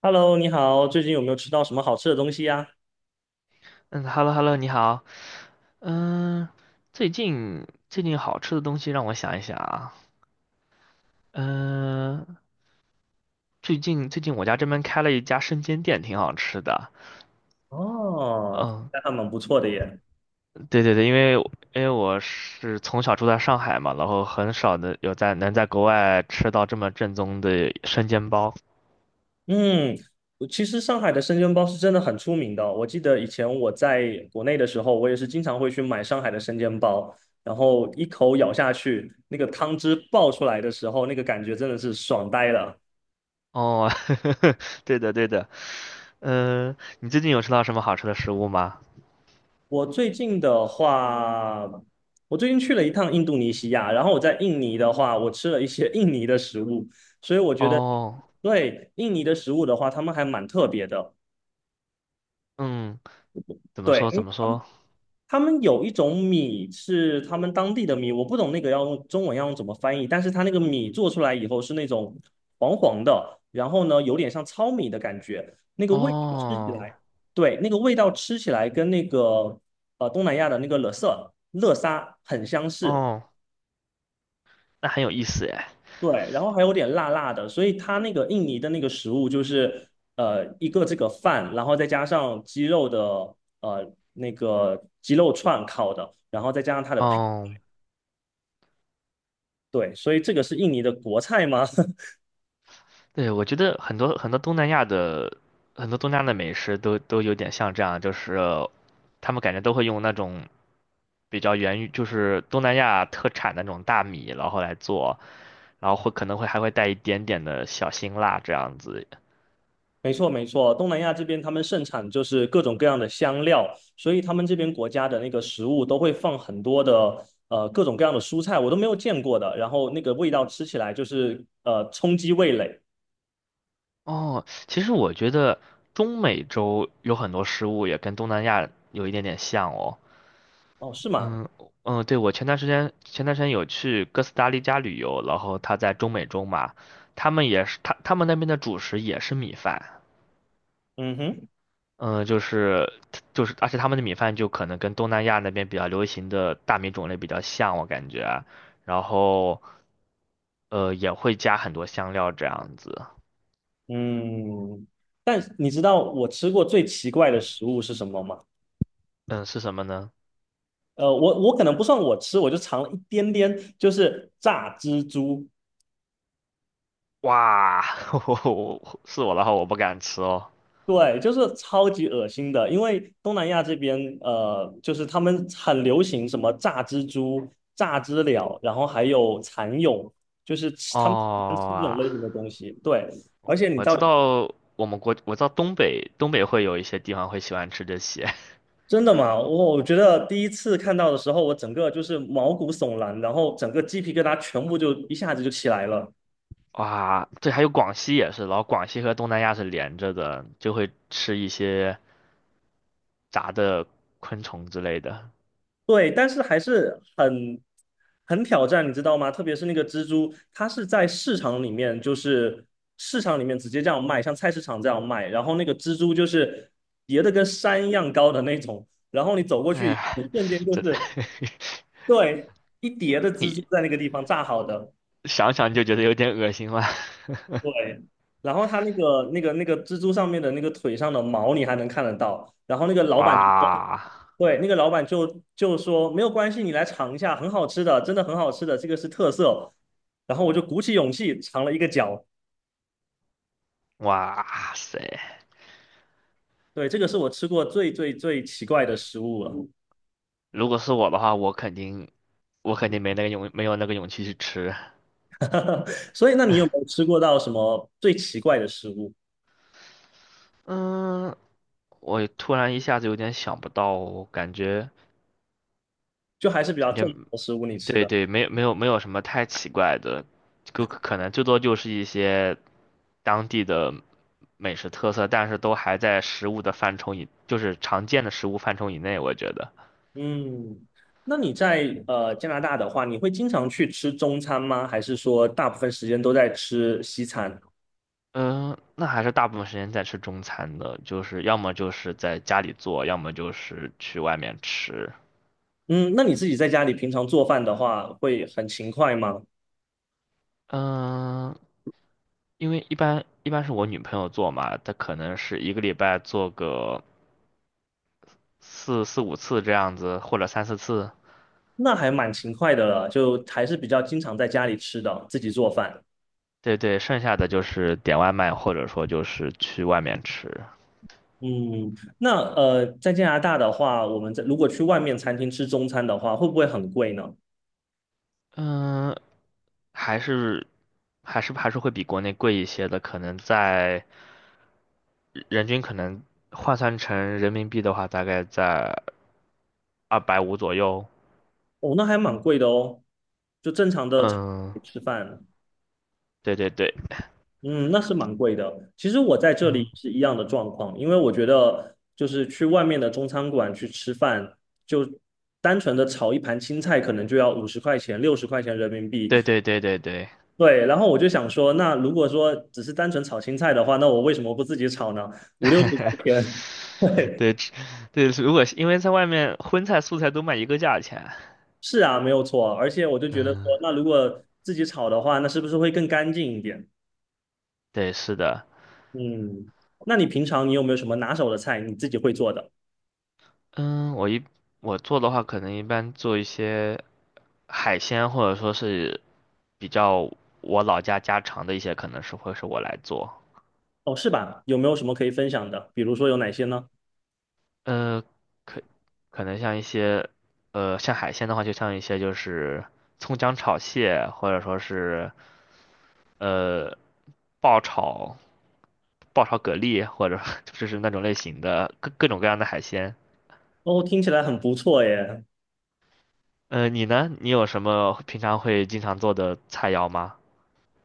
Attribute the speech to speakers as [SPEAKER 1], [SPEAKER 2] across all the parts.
[SPEAKER 1] Hello，你好，最近有没有吃到什么好吃的东西呀？
[SPEAKER 2] 嗯，hello，你好。嗯，最近好吃的东西让我想一想啊。嗯，最近我家这边开了一家生煎店，挺好吃的。
[SPEAKER 1] 哦，
[SPEAKER 2] 嗯，
[SPEAKER 1] 那还蛮不错的耶。
[SPEAKER 2] 对对对，因为我是从小住在上海嘛，然后很少的有在能在国外吃到这么正宗的生煎包。
[SPEAKER 1] 嗯，其实上海的生煎包是真的很出名的哦。我记得以前我在国内的时候，我也是经常会去买上海的生煎包，然后一口咬下去，那个汤汁爆出来的时候，那个感觉真的是爽呆了。
[SPEAKER 2] 哦，对的对的。嗯，你最近有吃到什么好吃的食物吗？
[SPEAKER 1] 我最近的话，我最近去了一趟印度尼西亚，然后我在印尼的话，我吃了一些印尼的食物，所以我觉得
[SPEAKER 2] 哦，
[SPEAKER 1] 对印尼的食物的话，他们还蛮特别的。
[SPEAKER 2] 嗯，怎么说怎
[SPEAKER 1] 对，
[SPEAKER 2] 么说？
[SPEAKER 1] 他们有一种米是他们当地的米，我不懂那个要用中文要用怎么翻译，但是它那个米做出来以后是那种黄黄的，然后呢有点像糙米的感觉，那个味道吃起
[SPEAKER 2] 哦
[SPEAKER 1] 来，对，那个味道吃起来跟那个东南亚的那个乐色乐沙很相似，
[SPEAKER 2] 哦。那很有意思哎。
[SPEAKER 1] 对，然后还有点辣辣的，所以它那个印尼的那个食物就是一个这个饭，然后再加上鸡肉的呃那个鸡肉串烤的，然后再加上它的配。
[SPEAKER 2] 哦，
[SPEAKER 1] 对，所以这个是印尼的国菜吗？
[SPEAKER 2] 对，我觉得很多东南亚的美食都有点像这样，就是他们感觉都会用那种比较源于就是东南亚特产的那种大米，然后来做，然后会可能会还会带一点点的小辛辣这样子。
[SPEAKER 1] 没错，没错，东南亚这边他们盛产就是各种各样的香料，所以他们这边国家的那个食物都会放很多的各种各样的蔬菜，我都没有见过的，然后那个味道吃起来就是冲击味蕾。
[SPEAKER 2] 哦，其实我觉得中美洲有很多食物也跟东南亚有一点点像哦。
[SPEAKER 1] 哦，是吗？
[SPEAKER 2] 嗯嗯，对，我前段时间有去哥斯达黎加旅游，然后他在中美洲嘛，他们也是他们那边的主食也是米饭。
[SPEAKER 1] 嗯哼，
[SPEAKER 2] 嗯，就是，而且他们的米饭就可能跟东南亚那边比较流行的大米种类比较像，我感觉，然后也会加很多香料这样子。
[SPEAKER 1] 嗯，但你知道我吃过最奇怪的食物是什么吗？
[SPEAKER 2] 嗯，是什么呢？
[SPEAKER 1] 我可能不算我吃，我就尝了一点点，就是炸蜘蛛。
[SPEAKER 2] 哇，我我的话我不敢吃哦。
[SPEAKER 1] 对，就是超级恶心的，因为东南亚这边，就是他们很流行什么炸蜘蛛、炸知了，然后还有蚕蛹，就是吃
[SPEAKER 2] 哦
[SPEAKER 1] 他们喜欢吃这种类型的
[SPEAKER 2] 啊。
[SPEAKER 1] 东西。对，而且你到
[SPEAKER 2] 我知道东北，会有一些地方会喜欢吃这些。
[SPEAKER 1] 真的吗？我觉得第一次看到的时候，我整个就是毛骨悚然，然后整个鸡皮疙瘩全部就一下子就起来了。
[SPEAKER 2] 哇，对，还有广西也是，然后广西和东南亚是连着的，就会吃一些炸的昆虫之类的。
[SPEAKER 1] 对，但是还是很挑战，你知道吗？特别是那个蜘蛛，它是在市场里面，就是市场里面直接这样卖，像菜市场这样卖。然后那个蜘蛛就是叠的跟山一样高的那种，然后你走过去，
[SPEAKER 2] 哎，
[SPEAKER 1] 一瞬间就
[SPEAKER 2] 这
[SPEAKER 1] 是，对，一叠的 蜘蛛
[SPEAKER 2] 你
[SPEAKER 1] 在那个地方炸好的。
[SPEAKER 2] 想想就觉得有点恶心了。
[SPEAKER 1] 对，然后他那个蜘蛛上面的那个腿上的毛你还能看得到，然后那个老板就说，
[SPEAKER 2] 哇
[SPEAKER 1] 对，那个老板就说没有关系，你来尝一下，很好吃的，真的很好吃的，这个是特色。然后我就鼓起勇气尝了一个角，
[SPEAKER 2] 哇塞！
[SPEAKER 1] 对，这个是我吃过最最最奇怪的食物了。
[SPEAKER 2] 如果是我的话，我肯定没有那个勇气去吃。
[SPEAKER 1] 所以，那你有没有 吃过到什么最奇怪的食物？
[SPEAKER 2] 嗯，我突然一下子有点想不到，感觉
[SPEAKER 1] 就还是比较
[SPEAKER 2] 感觉
[SPEAKER 1] 正常的食物，你吃
[SPEAKER 2] 对
[SPEAKER 1] 的。
[SPEAKER 2] 对，没有没有没有什么太奇怪的，就可能最多就是一些当地的美食特色，但是都还在食物的范畴以，就是常见的食物范畴以内，我觉得。
[SPEAKER 1] 嗯，那你在加拿大的话，你会经常去吃中餐吗？还是说大部分时间都在吃西餐？
[SPEAKER 2] 嗯，那还是大部分时间在吃中餐的，就是要么就是在家里做，要么就是去外面吃。
[SPEAKER 1] 嗯，那你自己在家里平常做饭的话，会很勤快吗？
[SPEAKER 2] 嗯，因为一般是我女朋友做嘛，她可能是一个礼拜做个四五次这样子，或者三四次。
[SPEAKER 1] 那还蛮勤快的了，就还是比较经常在家里吃的，自己做饭。
[SPEAKER 2] 对对，剩下的就是点外卖，或者说就是去外面吃。
[SPEAKER 1] 嗯，那在加拿大的话，我们在如果去外面餐厅吃中餐的话，会不会很贵呢？
[SPEAKER 2] 嗯，还是还是会比国内贵一些的，可能在人均可能换算成人民币的话，大概在250左右。
[SPEAKER 1] 哦，那还蛮贵的哦，就正常的餐
[SPEAKER 2] 嗯，
[SPEAKER 1] 厅吃饭。
[SPEAKER 2] 对对对。
[SPEAKER 1] 嗯，那是蛮贵的。其实我在这里
[SPEAKER 2] 嗯，
[SPEAKER 1] 是一样的状况，因为我觉得就是去外面的中餐馆去吃饭，就单纯的炒一盘青菜，可能就要50块钱、六十块钱人民币。
[SPEAKER 2] 对对对对对。
[SPEAKER 1] 对，然后我就想说，那如果说只是单纯炒青菜的话，那我为什么不自己炒呢？五六十块 钱，对，
[SPEAKER 2] 对吃对，如果是因为在外面荤菜素菜都卖一个价钱。
[SPEAKER 1] 是啊，没有错啊。而且我就觉得说，
[SPEAKER 2] 嗯，
[SPEAKER 1] 那如果自己炒的话，那是不是会更干净一点？
[SPEAKER 2] 对，是的。
[SPEAKER 1] 嗯，那你平常你有没有什么拿手的菜你自己会做的？
[SPEAKER 2] 嗯，我做的话，可能一般做一些海鲜，或者说是比较我老家家常的一些，可能是会是我来做。
[SPEAKER 1] 哦，是吧？有没有什么可以分享的？比如说有哪些呢？
[SPEAKER 2] 呃，可可能像一些，像海鲜的话，就像一些就是葱姜炒蟹，或者说是呃爆炒爆炒蛤蜊，或者 就是那种类型的各种各样的海鲜。
[SPEAKER 1] 哦，听起来很不错耶。
[SPEAKER 2] 你呢？你有什么平常会经常做的菜肴吗？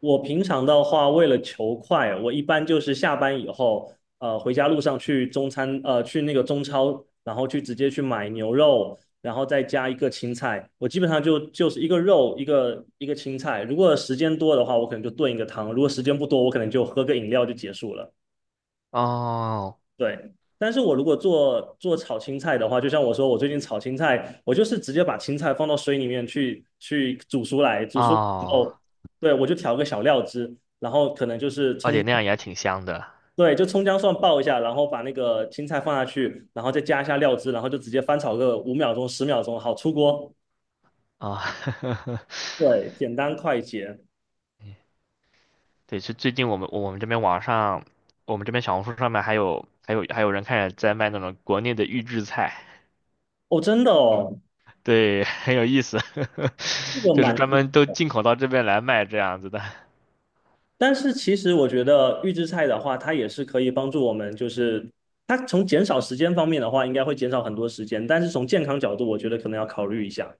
[SPEAKER 1] 我平常的话，为了求快，我一般就是下班以后，回家路上去中餐，去那个中超，然后去直接去买牛肉，然后再加一个青菜。我基本上就是一个肉，一个青菜。如果时间多的话，我可能就炖一个汤；如果时间不多，我可能就喝个饮料就结束了。
[SPEAKER 2] 哦
[SPEAKER 1] 对，但是我如果做炒青菜的话，就像我说，我最近炒青菜，我就是直接把青菜放到水里面去煮熟来，煮熟以后，
[SPEAKER 2] 哦，
[SPEAKER 1] 对，我就调个小料汁，然后可能就是
[SPEAKER 2] 而
[SPEAKER 1] 葱
[SPEAKER 2] 且
[SPEAKER 1] 姜，
[SPEAKER 2] 那样也挺香的
[SPEAKER 1] 对，就葱姜蒜爆一下，然后把那个青菜放下去，然后再加一下料汁，然后就直接翻炒个5秒钟、10秒钟，好出锅。
[SPEAKER 2] 啊。
[SPEAKER 1] 对，简单快捷。
[SPEAKER 2] 对，是最近我们这边网上，我们这边小红书上面还有人开始在卖那种国内的预制菜。
[SPEAKER 1] 哦，真的哦，
[SPEAKER 2] 对，很有意思，
[SPEAKER 1] 这 个
[SPEAKER 2] 就是
[SPEAKER 1] 蛮
[SPEAKER 2] 专门都进口到这边来卖这样子的。
[SPEAKER 1] 但是其实我觉得预制菜的话，它也是可以帮助我们，就是它从减少时间方面的话，应该会减少很多时间，但是从健康角度，我觉得可能要考虑一下。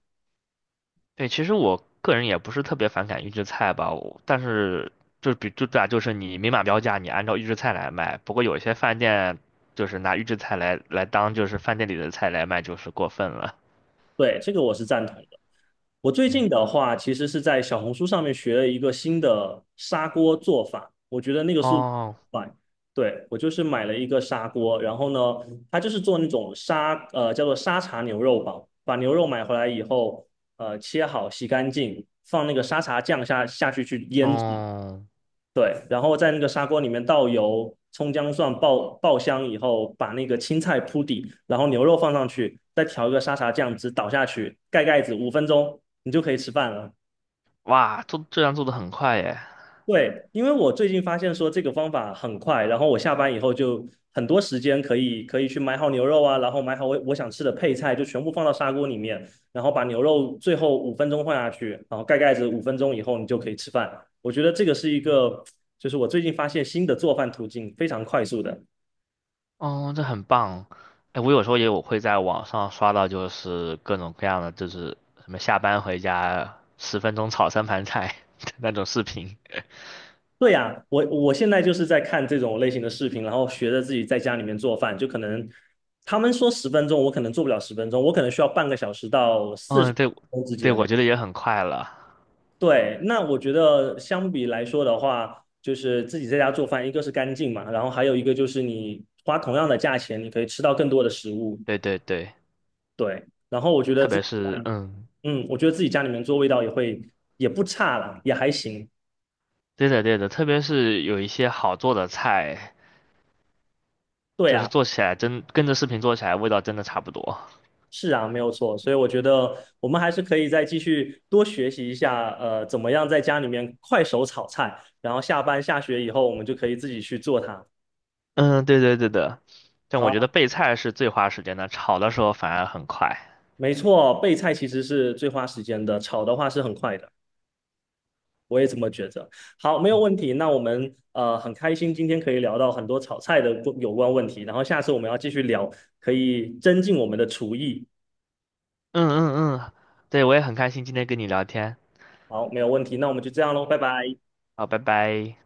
[SPEAKER 2] 对，其实我个人也不是特别反感预制菜吧，我但是就比就对啊，就是你明码标价，你按照预制菜来卖。不过有些饭店就是拿预制菜来当就是饭店里的菜来卖，就是过分了。
[SPEAKER 1] 对，这个我是赞同的。我最
[SPEAKER 2] 对。
[SPEAKER 1] 近的话，其实是在小红书上面学了一个新的砂锅做法，我觉得那个速度很
[SPEAKER 2] 哦，
[SPEAKER 1] 快。对，我就是买了一个砂锅，然后呢，它就是做那种沙，叫做沙茶牛肉煲，把牛肉买回来以后，切好洗干净，放那个沙茶酱下去腌制，
[SPEAKER 2] 哦。
[SPEAKER 1] 对，然后在那个砂锅里面倒油、葱姜蒜爆香以后，把那个青菜铺底，然后牛肉放上去，再调一个沙茶酱汁倒下去，盖盖子，五分钟你就可以吃饭了。
[SPEAKER 2] 哇，做这样做的很快耶。
[SPEAKER 1] 对，因为我最近发现说这个方法很快，然后我下班以后就很多时间可以去买好牛肉啊，然后买好我想吃的配菜，就全部放到砂锅里面，然后把牛肉最后五分钟放下去，然后盖盖子，五分钟以后你就可以吃饭。我觉得这个是一个，就是我最近发现新的做饭途径，非常快速的。
[SPEAKER 2] 哦，这很棒。哎，我有时候我会在网上刷到，就是各种各样的，就是什么下班回家10分钟炒三盘菜的 那种视频。
[SPEAKER 1] 对呀，我现在就是在看这种类型的视频，然后学着自己在家里面做饭，就可能他们说十分钟，我可能做不了十分钟，我可能需要半个小时到四十
[SPEAKER 2] 嗯，
[SPEAKER 1] 分
[SPEAKER 2] 对。
[SPEAKER 1] 钟之
[SPEAKER 2] 对，
[SPEAKER 1] 间。
[SPEAKER 2] 我觉得也很快了。
[SPEAKER 1] 对，那我觉得相比来说的话，就是自己在家做饭，一个是干净嘛，然后还有一个就是你花同样的价钱，你可以吃到更多的食物。
[SPEAKER 2] 对对对，
[SPEAKER 1] 对，然后我觉得
[SPEAKER 2] 特
[SPEAKER 1] 自
[SPEAKER 2] 别
[SPEAKER 1] 己
[SPEAKER 2] 是。嗯，
[SPEAKER 1] 嗯，我觉得自己家里面做味道也会也不差了，也还行。
[SPEAKER 2] 对的对的，特别是有一些好做的菜，
[SPEAKER 1] 对
[SPEAKER 2] 就是
[SPEAKER 1] 啊，
[SPEAKER 2] 做起来真跟着视频做起来味道真的差不多。
[SPEAKER 1] 是啊，没有错。所以我觉得我们还是可以再继续多学习一下，怎么样在家里面快手炒菜，然后下班下学以后，我们就可以自己去做它。
[SPEAKER 2] 嗯，对对对的。但
[SPEAKER 1] 好
[SPEAKER 2] 我觉
[SPEAKER 1] 啊。
[SPEAKER 2] 得备菜是最花时间的，炒的时候反而很快。
[SPEAKER 1] 没错，备菜其实是最花时间的，炒的话是很快的。我也这么觉得。好，没有问题。那我们很开心今天可以聊到很多炒菜的有关问题，然后下次我们要继续聊，可以增进我们的厨艺。
[SPEAKER 2] 嗯嗯嗯，对，我也很开心今天跟你聊天。
[SPEAKER 1] 好，没有问题。那我们就这样喽，拜拜。
[SPEAKER 2] 好，拜拜。